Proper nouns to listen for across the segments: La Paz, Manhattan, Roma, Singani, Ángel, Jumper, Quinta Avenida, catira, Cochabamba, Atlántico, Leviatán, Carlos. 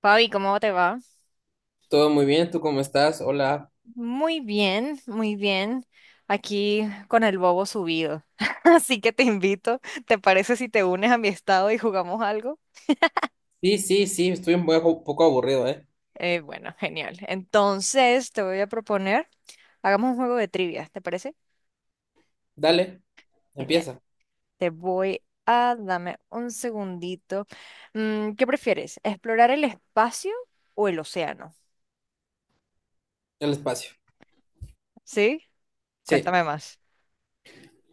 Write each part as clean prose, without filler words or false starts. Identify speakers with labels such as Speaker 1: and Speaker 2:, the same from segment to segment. Speaker 1: Fabi, ¿cómo te va?
Speaker 2: Todo muy bien, ¿tú cómo estás? Hola.
Speaker 1: Muy bien, muy bien. Aquí con el bobo subido. Así que te invito, ¿te parece si te unes a mi estado y jugamos algo?
Speaker 2: Sí, sí, sí, estoy un poco aburrido, ¿eh?
Speaker 1: Bueno, genial. Entonces te voy a proponer, hagamos un juego de trivia, ¿te parece?
Speaker 2: Dale,
Speaker 1: Genial.
Speaker 2: empieza.
Speaker 1: Dame un segundito. ¿Qué prefieres? ¿Explorar el espacio o el océano?
Speaker 2: El espacio.
Speaker 1: ¿Sí?
Speaker 2: Sí.
Speaker 1: Cuéntame más.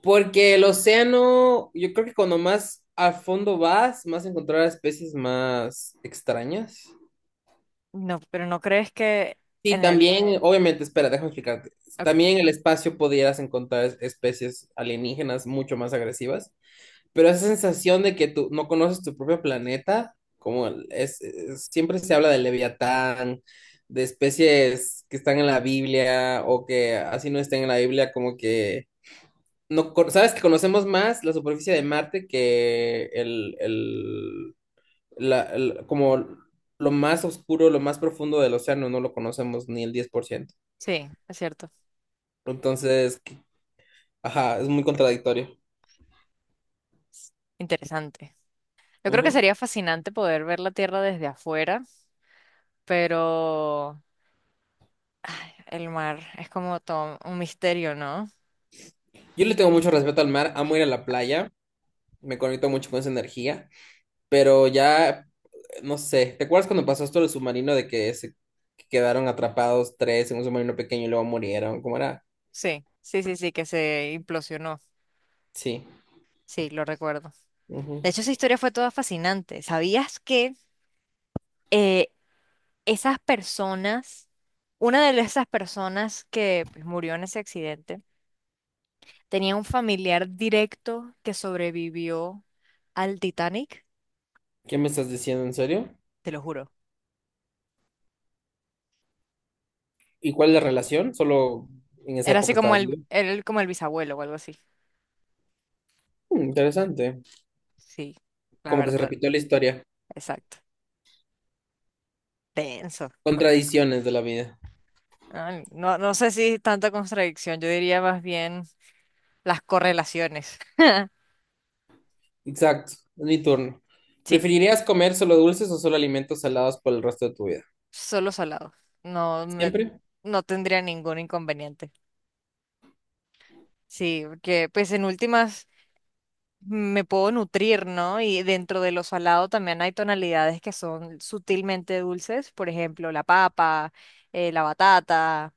Speaker 2: Porque el océano, yo creo que cuando más al fondo vas, más encontrarás especies más extrañas.
Speaker 1: No, pero ¿no crees que
Speaker 2: Y
Speaker 1: en el...
Speaker 2: también, obviamente, espera, déjame explicarte.
Speaker 1: Ok,
Speaker 2: También en el espacio podrías encontrar especies alienígenas mucho más agresivas. Pero esa sensación de que tú no conoces tu propio planeta, como el- es- siempre se habla del Leviatán, de especies que están en la Biblia o que así no estén en la Biblia, como que no con- sabes que conocemos más la superficie de Marte que como lo más oscuro, lo más profundo del océano, no lo conocemos ni el 10%.
Speaker 1: sí, es cierto.
Speaker 2: Entonces, ajá, es muy contradictorio.
Speaker 1: Interesante. Yo creo que
Speaker 2: Ujú.
Speaker 1: sería fascinante poder ver la Tierra desde afuera, pero ay, el mar es como todo un misterio, ¿no?
Speaker 2: Yo le tengo mucho respeto al mar, amo ir a la playa. Me conecto mucho con esa energía, pero ya, no sé, ¿te acuerdas cuando pasó esto del submarino de que se quedaron atrapados tres en un submarino pequeño y luego murieron? ¿Cómo era?
Speaker 1: Sí, sí, sí, sí, que se implosionó.
Speaker 2: Sí.
Speaker 1: Sí, lo recuerdo. De
Speaker 2: Ujú.
Speaker 1: hecho, esa historia fue toda fascinante. ¿Sabías que eh, esas una de esas personas que pues, murió en ese accidente, tenía un familiar directo que sobrevivió al Titanic?
Speaker 2: ¿Qué me estás diciendo en serio?
Speaker 1: Te lo juro.
Speaker 2: ¿Y cuál es la relación? Solo en esa
Speaker 1: Era así
Speaker 2: época
Speaker 1: como
Speaker 2: estaba vivo.
Speaker 1: era como el bisabuelo o algo así.
Speaker 2: Mm, interesante.
Speaker 1: Sí, la
Speaker 2: Como que se
Speaker 1: verdad,
Speaker 2: repitió la historia.
Speaker 1: exacto. Tenso.
Speaker 2: Contradicciones de la vida.
Speaker 1: Ay, no, no sé si tanta contradicción, yo diría más bien las correlaciones.
Speaker 2: Exacto, es mi turno.
Speaker 1: Sí,
Speaker 2: ¿Preferirías comer solo dulces o solo alimentos salados por el resto de tu vida?
Speaker 1: solo salado. No me,
Speaker 2: ¿Siempre?
Speaker 1: no tendría ningún inconveniente. Sí, porque pues en últimas me puedo nutrir, ¿no? Y dentro de lo salado también hay tonalidades que son sutilmente dulces, por ejemplo, la papa, la batata,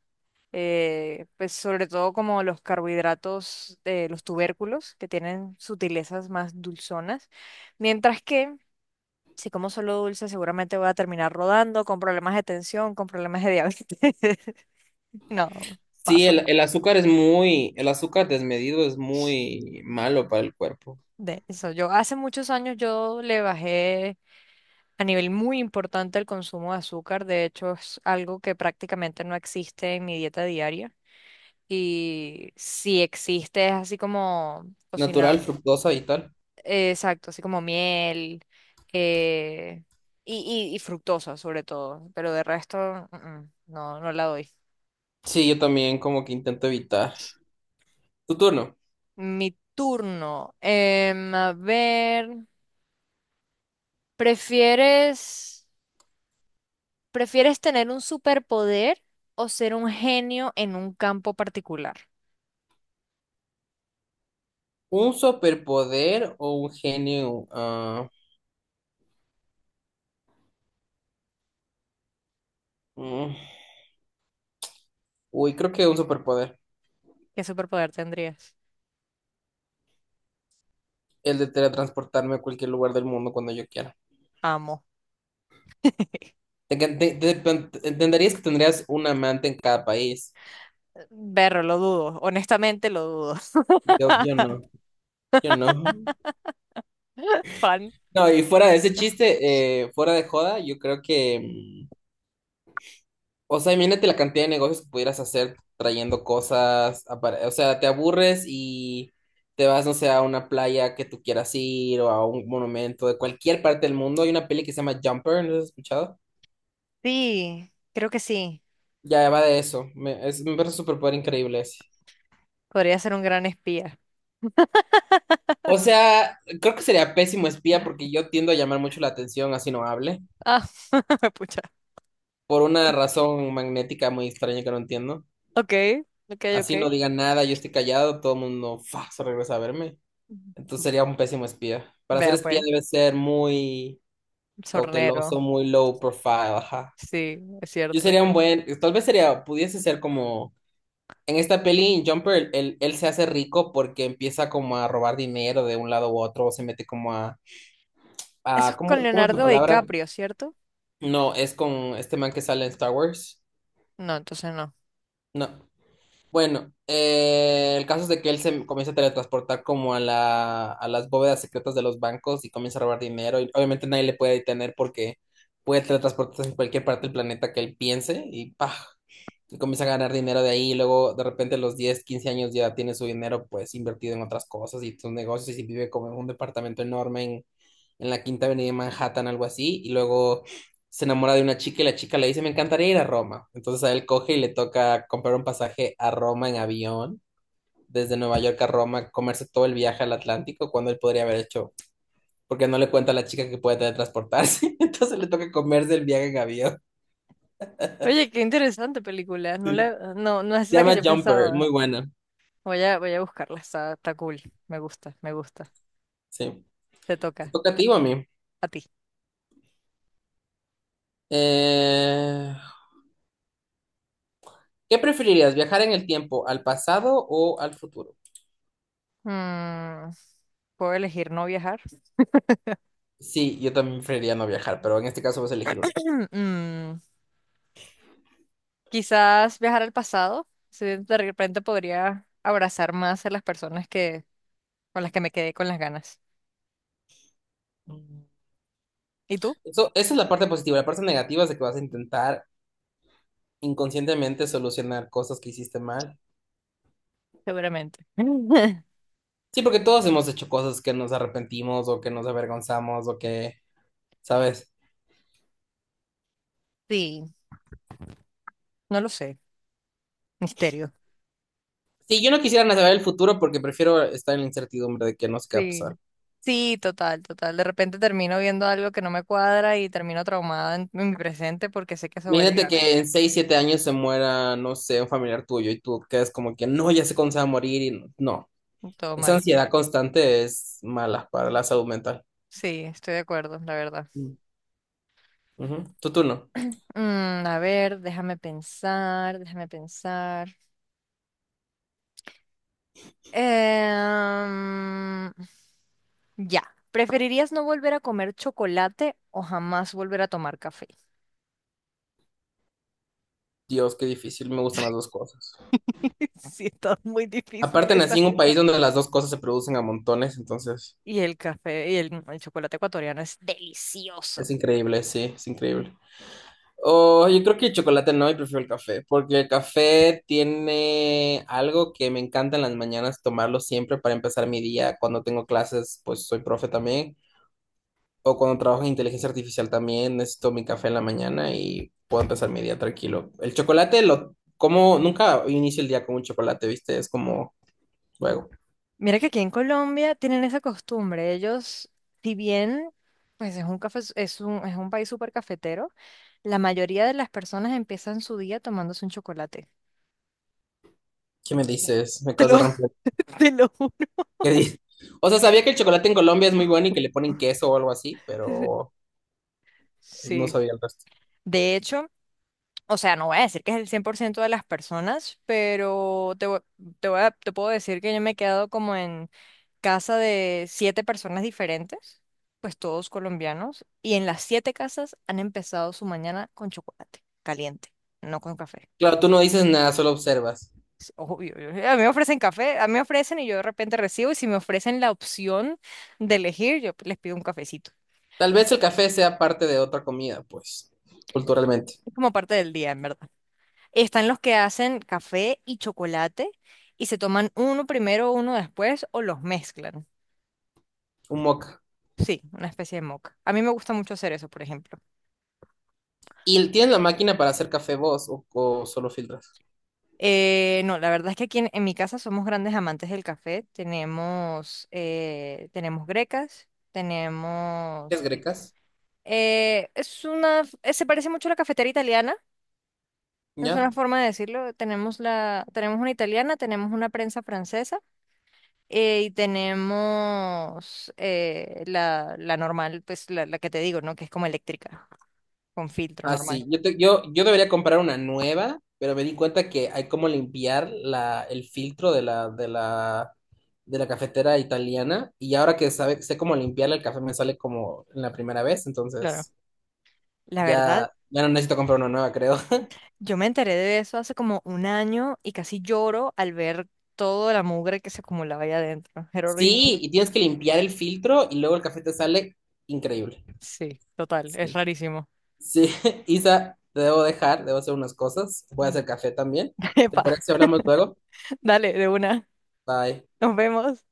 Speaker 1: pues sobre todo como los carbohidratos de los tubérculos, que tienen sutilezas más dulzonas, mientras que si como solo dulce seguramente voy a terminar rodando con problemas de tensión, con problemas de diabetes. No,
Speaker 2: Sí,
Speaker 1: paso
Speaker 2: el azúcar el azúcar desmedido es muy malo para el cuerpo.
Speaker 1: de eso. Yo hace muchos años yo le bajé a nivel muy importante el consumo de azúcar. De hecho, es algo que prácticamente no existe en mi dieta diaria. Y si existe es así como
Speaker 2: Natural,
Speaker 1: cocinado.
Speaker 2: fructosa y tal.
Speaker 1: Exacto, así como miel, eh, y fructosa sobre todo, pero de resto no, no la doy.
Speaker 2: Sí, yo también como que intento evitar. Tu turno.
Speaker 1: Mi turno. A ver, ¿prefieres, ¿prefieres tener un superpoder o ser un genio en un campo particular?
Speaker 2: ¿Un superpoder o un genio? Ah, mm, uy, creo que un superpoder.
Speaker 1: ¿Qué superpoder tendrías?
Speaker 2: El de teletransportarme a cualquier lugar del mundo cuando yo quiera.
Speaker 1: Amo.
Speaker 2: Entenderías que tendrías un amante en cada país.
Speaker 1: Berro, lo dudo, honestamente lo dudo.
Speaker 2: Yo no, yo no.
Speaker 1: Fan.
Speaker 2: No, y fuera de ese chiste, fuera de joda, yo creo que, o sea, imagínate la cantidad de negocios que pudieras hacer trayendo cosas. O sea, te aburres y te vas, no sé, a una playa que tú quieras ir o a un monumento de cualquier parte del mundo. Hay una peli que se llama Jumper, ¿no has escuchado?
Speaker 1: Sí, creo que sí.
Speaker 2: Ya va de eso. Me parece un superpoder increíble ese.
Speaker 1: Podría ser un gran espía.
Speaker 2: O sea, creo que sería pésimo espía porque yo tiendo a llamar mucho la atención así no hable.
Speaker 1: Ah, pucha.
Speaker 2: Por una razón magnética muy extraña que no entiendo.
Speaker 1: Ok, ok,
Speaker 2: Así no
Speaker 1: ok.
Speaker 2: diga nada, yo estoy callado, todo el mundo se regresa a verme. Entonces
Speaker 1: Ujú.
Speaker 2: sería un pésimo espía. Para ser
Speaker 1: Vea
Speaker 2: espía
Speaker 1: pues,
Speaker 2: debes ser muy
Speaker 1: sornero.
Speaker 2: cauteloso, muy low profile, ajá.
Speaker 1: Sí, es
Speaker 2: Yo
Speaker 1: cierto.
Speaker 2: sería un buen, tal vez sería, pudiese ser como, en esta peli, en Jumper, él se hace rico porque empieza como a robar dinero de un lado u otro, o se mete como a,
Speaker 1: Eso
Speaker 2: a
Speaker 1: es
Speaker 2: ¿cómo,
Speaker 1: con
Speaker 2: cómo es la
Speaker 1: Leonardo
Speaker 2: palabra?
Speaker 1: DiCaprio, ¿cierto?
Speaker 2: No, es con este man que sale en Star Wars.
Speaker 1: No, entonces no.
Speaker 2: No. Bueno, el caso es de que él se comienza a teletransportar como a a las bóvedas secretas de los bancos y comienza a robar dinero. Y obviamente nadie le puede detener porque puede teletransportarse en cualquier parte del planeta que él piense y ¡pah! Y comienza a ganar dinero de ahí. Y luego de repente a los 10, 15 años ya tiene su dinero pues invertido en otras cosas y sus negocios y vive como en un departamento enorme en, la Quinta Avenida de Manhattan, algo así. Y luego se enamora de una chica y la chica le dice, me encantaría ir a Roma. Entonces a él coge y le toca comprar un pasaje a Roma en avión, desde Nueva York a Roma, comerse todo el viaje al Atlántico cuando él podría haber hecho, porque no le cuenta a la chica que puede teletransportarse, entonces le toca comerse el viaje en avión.
Speaker 1: Oye, qué interesante película.
Speaker 2: Sí. Se
Speaker 1: No, no es la que
Speaker 2: llama
Speaker 1: yo
Speaker 2: Jumper,
Speaker 1: pensaba.
Speaker 2: muy buena.
Speaker 1: Voy a buscarla. Está cool. Me gusta, me gusta.
Speaker 2: Sí.
Speaker 1: Te
Speaker 2: Te
Speaker 1: toca.
Speaker 2: toca a ti o a mí.
Speaker 1: A ti.
Speaker 2: Eh, ¿Qué preferirías, viajar en el tiempo, al pasado o al futuro?
Speaker 1: Mm, ¿Puedo elegir no viajar?
Speaker 2: Sí, yo también preferiría no viajar, pero en este caso vas a elegir
Speaker 1: Mm, quizás viajar al pasado. Si de repente podría abrazar más a las personas, con las que me quedé con las ganas.
Speaker 2: uno.
Speaker 1: ¿Y tú?
Speaker 2: Esa es la parte positiva. La parte negativa es de que vas a intentar inconscientemente solucionar cosas que hiciste mal.
Speaker 1: Seguramente.
Speaker 2: Sí, porque todos hemos hecho cosas que nos arrepentimos o que nos avergonzamos o que, ¿sabes?
Speaker 1: Sí, no lo sé. Misterio.
Speaker 2: Sí, yo no quisiera ni saber el futuro porque prefiero estar en la incertidumbre de que no sé qué va a
Speaker 1: Sí.
Speaker 2: pasar.
Speaker 1: Sí, total, total. De repente termino viendo algo que no me cuadra y termino traumada en mi presente porque sé que eso va a
Speaker 2: Imagínate
Speaker 1: llegar.
Speaker 2: que en 6 7 años se muera, no sé, un familiar tuyo y tú quedas como que no, ya sé cuándo se va a morir y no. No.
Speaker 1: Todo
Speaker 2: Esa
Speaker 1: mal.
Speaker 2: ansiedad constante es mala para la salud mental.
Speaker 1: Sí, estoy de acuerdo, la verdad.
Speaker 2: Mm. Ujú. Tu turno.
Speaker 1: A ver, déjame pensar, déjame pensar. Em, ya. ¿Preferirías no volver a comer chocolate o jamás volver a tomar café?
Speaker 2: Dios, qué difícil. Me gustan las dos cosas.
Speaker 1: Sí, está muy
Speaker 2: Aparte
Speaker 1: difíciles.
Speaker 2: nací en un país donde las dos cosas se producen a montones, entonces
Speaker 1: Y el café y el chocolate ecuatoriano es delicioso.
Speaker 2: es increíble, sí, es increíble. Oh, yo creo que el chocolate no, yo prefiero el café, porque el café tiene algo que me encanta en las mañanas tomarlo siempre para empezar mi día. Cuando tengo clases, pues soy profe también, o cuando trabajo en inteligencia artificial también, necesito mi café en la mañana y puedo empezar mi día tranquilo. El chocolate lo como, nunca inicio el día con un chocolate, ¿viste? Es como, luego,
Speaker 1: Mira que aquí en Colombia tienen esa costumbre. Ellos, si bien pues es un café, es es un país súper cafetero, la mayoría de las personas empiezan su día tomándose un chocolate.
Speaker 2: ¿qué me dices? Me
Speaker 1: Te
Speaker 2: acabas
Speaker 1: lo,
Speaker 2: de romper.
Speaker 1: te lo juro.
Speaker 2: que di- O sea, sabía que el chocolate en Colombia es muy bueno y que le ponen queso o algo así, pero pues, no
Speaker 1: Sí.
Speaker 2: sabía el resto.
Speaker 1: De hecho, o sea, no voy a decir que es el 100% de las personas, pero te voy a- te puedo decir que yo me he quedado como en casa de 7 personas diferentes, pues todos colombianos, y en las 7 casas han empezado su mañana con chocolate caliente, no con café.
Speaker 2: Claro, tú no dices nada, solo observas.
Speaker 1: Es obvio, a mí me ofrecen café, a mí me ofrecen y yo de repente recibo, y si me ofrecen la opción de elegir, yo pues, les pido un cafecito.
Speaker 2: Tal vez el café sea parte de otra comida, pues, culturalmente.
Speaker 1: Es como parte del día, en verdad. Están los que hacen café y chocolate y se toman uno primero, uno después o los mezclan.
Speaker 2: Un moca.
Speaker 1: Sí, una especie de mocha. A mí me gusta mucho hacer eso, por ejemplo.
Speaker 2: ¿Y tienes la máquina para hacer café vos o solo filtras?
Speaker 1: No, la verdad es que aquí en mi casa somos grandes amantes del café. Tenemos grecas,
Speaker 2: ¿Es
Speaker 1: tenemos...
Speaker 2: grecas?
Speaker 1: es una... se parece mucho a la cafetera italiana, es
Speaker 2: ¿Ya?
Speaker 1: una forma de decirlo. Tenemos una italiana, tenemos una prensa francesa. Y tenemos la normal, pues la que te digo, ¿no? Que es como eléctrica, con filtro
Speaker 2: Ah,
Speaker 1: normal.
Speaker 2: sí, yo debería comprar una nueva, pero me di cuenta que hay como limpiar el filtro de la, de la cafetera italiana y ahora que sé cómo limpiarla, el café me sale como en la primera vez,
Speaker 1: Claro.
Speaker 2: entonces
Speaker 1: La
Speaker 2: ya,
Speaker 1: verdad,
Speaker 2: ya no necesito comprar una nueva, creo.
Speaker 1: yo me enteré de eso hace como un año y casi lloro al ver toda la mugre que se acumulaba allá adentro. Era horrible.
Speaker 2: Sí, y tienes que limpiar el filtro y luego el café te sale increíble.
Speaker 1: Sí, total, es
Speaker 2: Sí,
Speaker 1: rarísimo.
Speaker 2: sí, Isa, te debo dejar, debo hacer unas cosas, voy a hacer café también.
Speaker 1: Epa,
Speaker 2: ¿Te parece si hablamos luego?
Speaker 1: dale, de una.
Speaker 2: Bye.
Speaker 1: Nos vemos.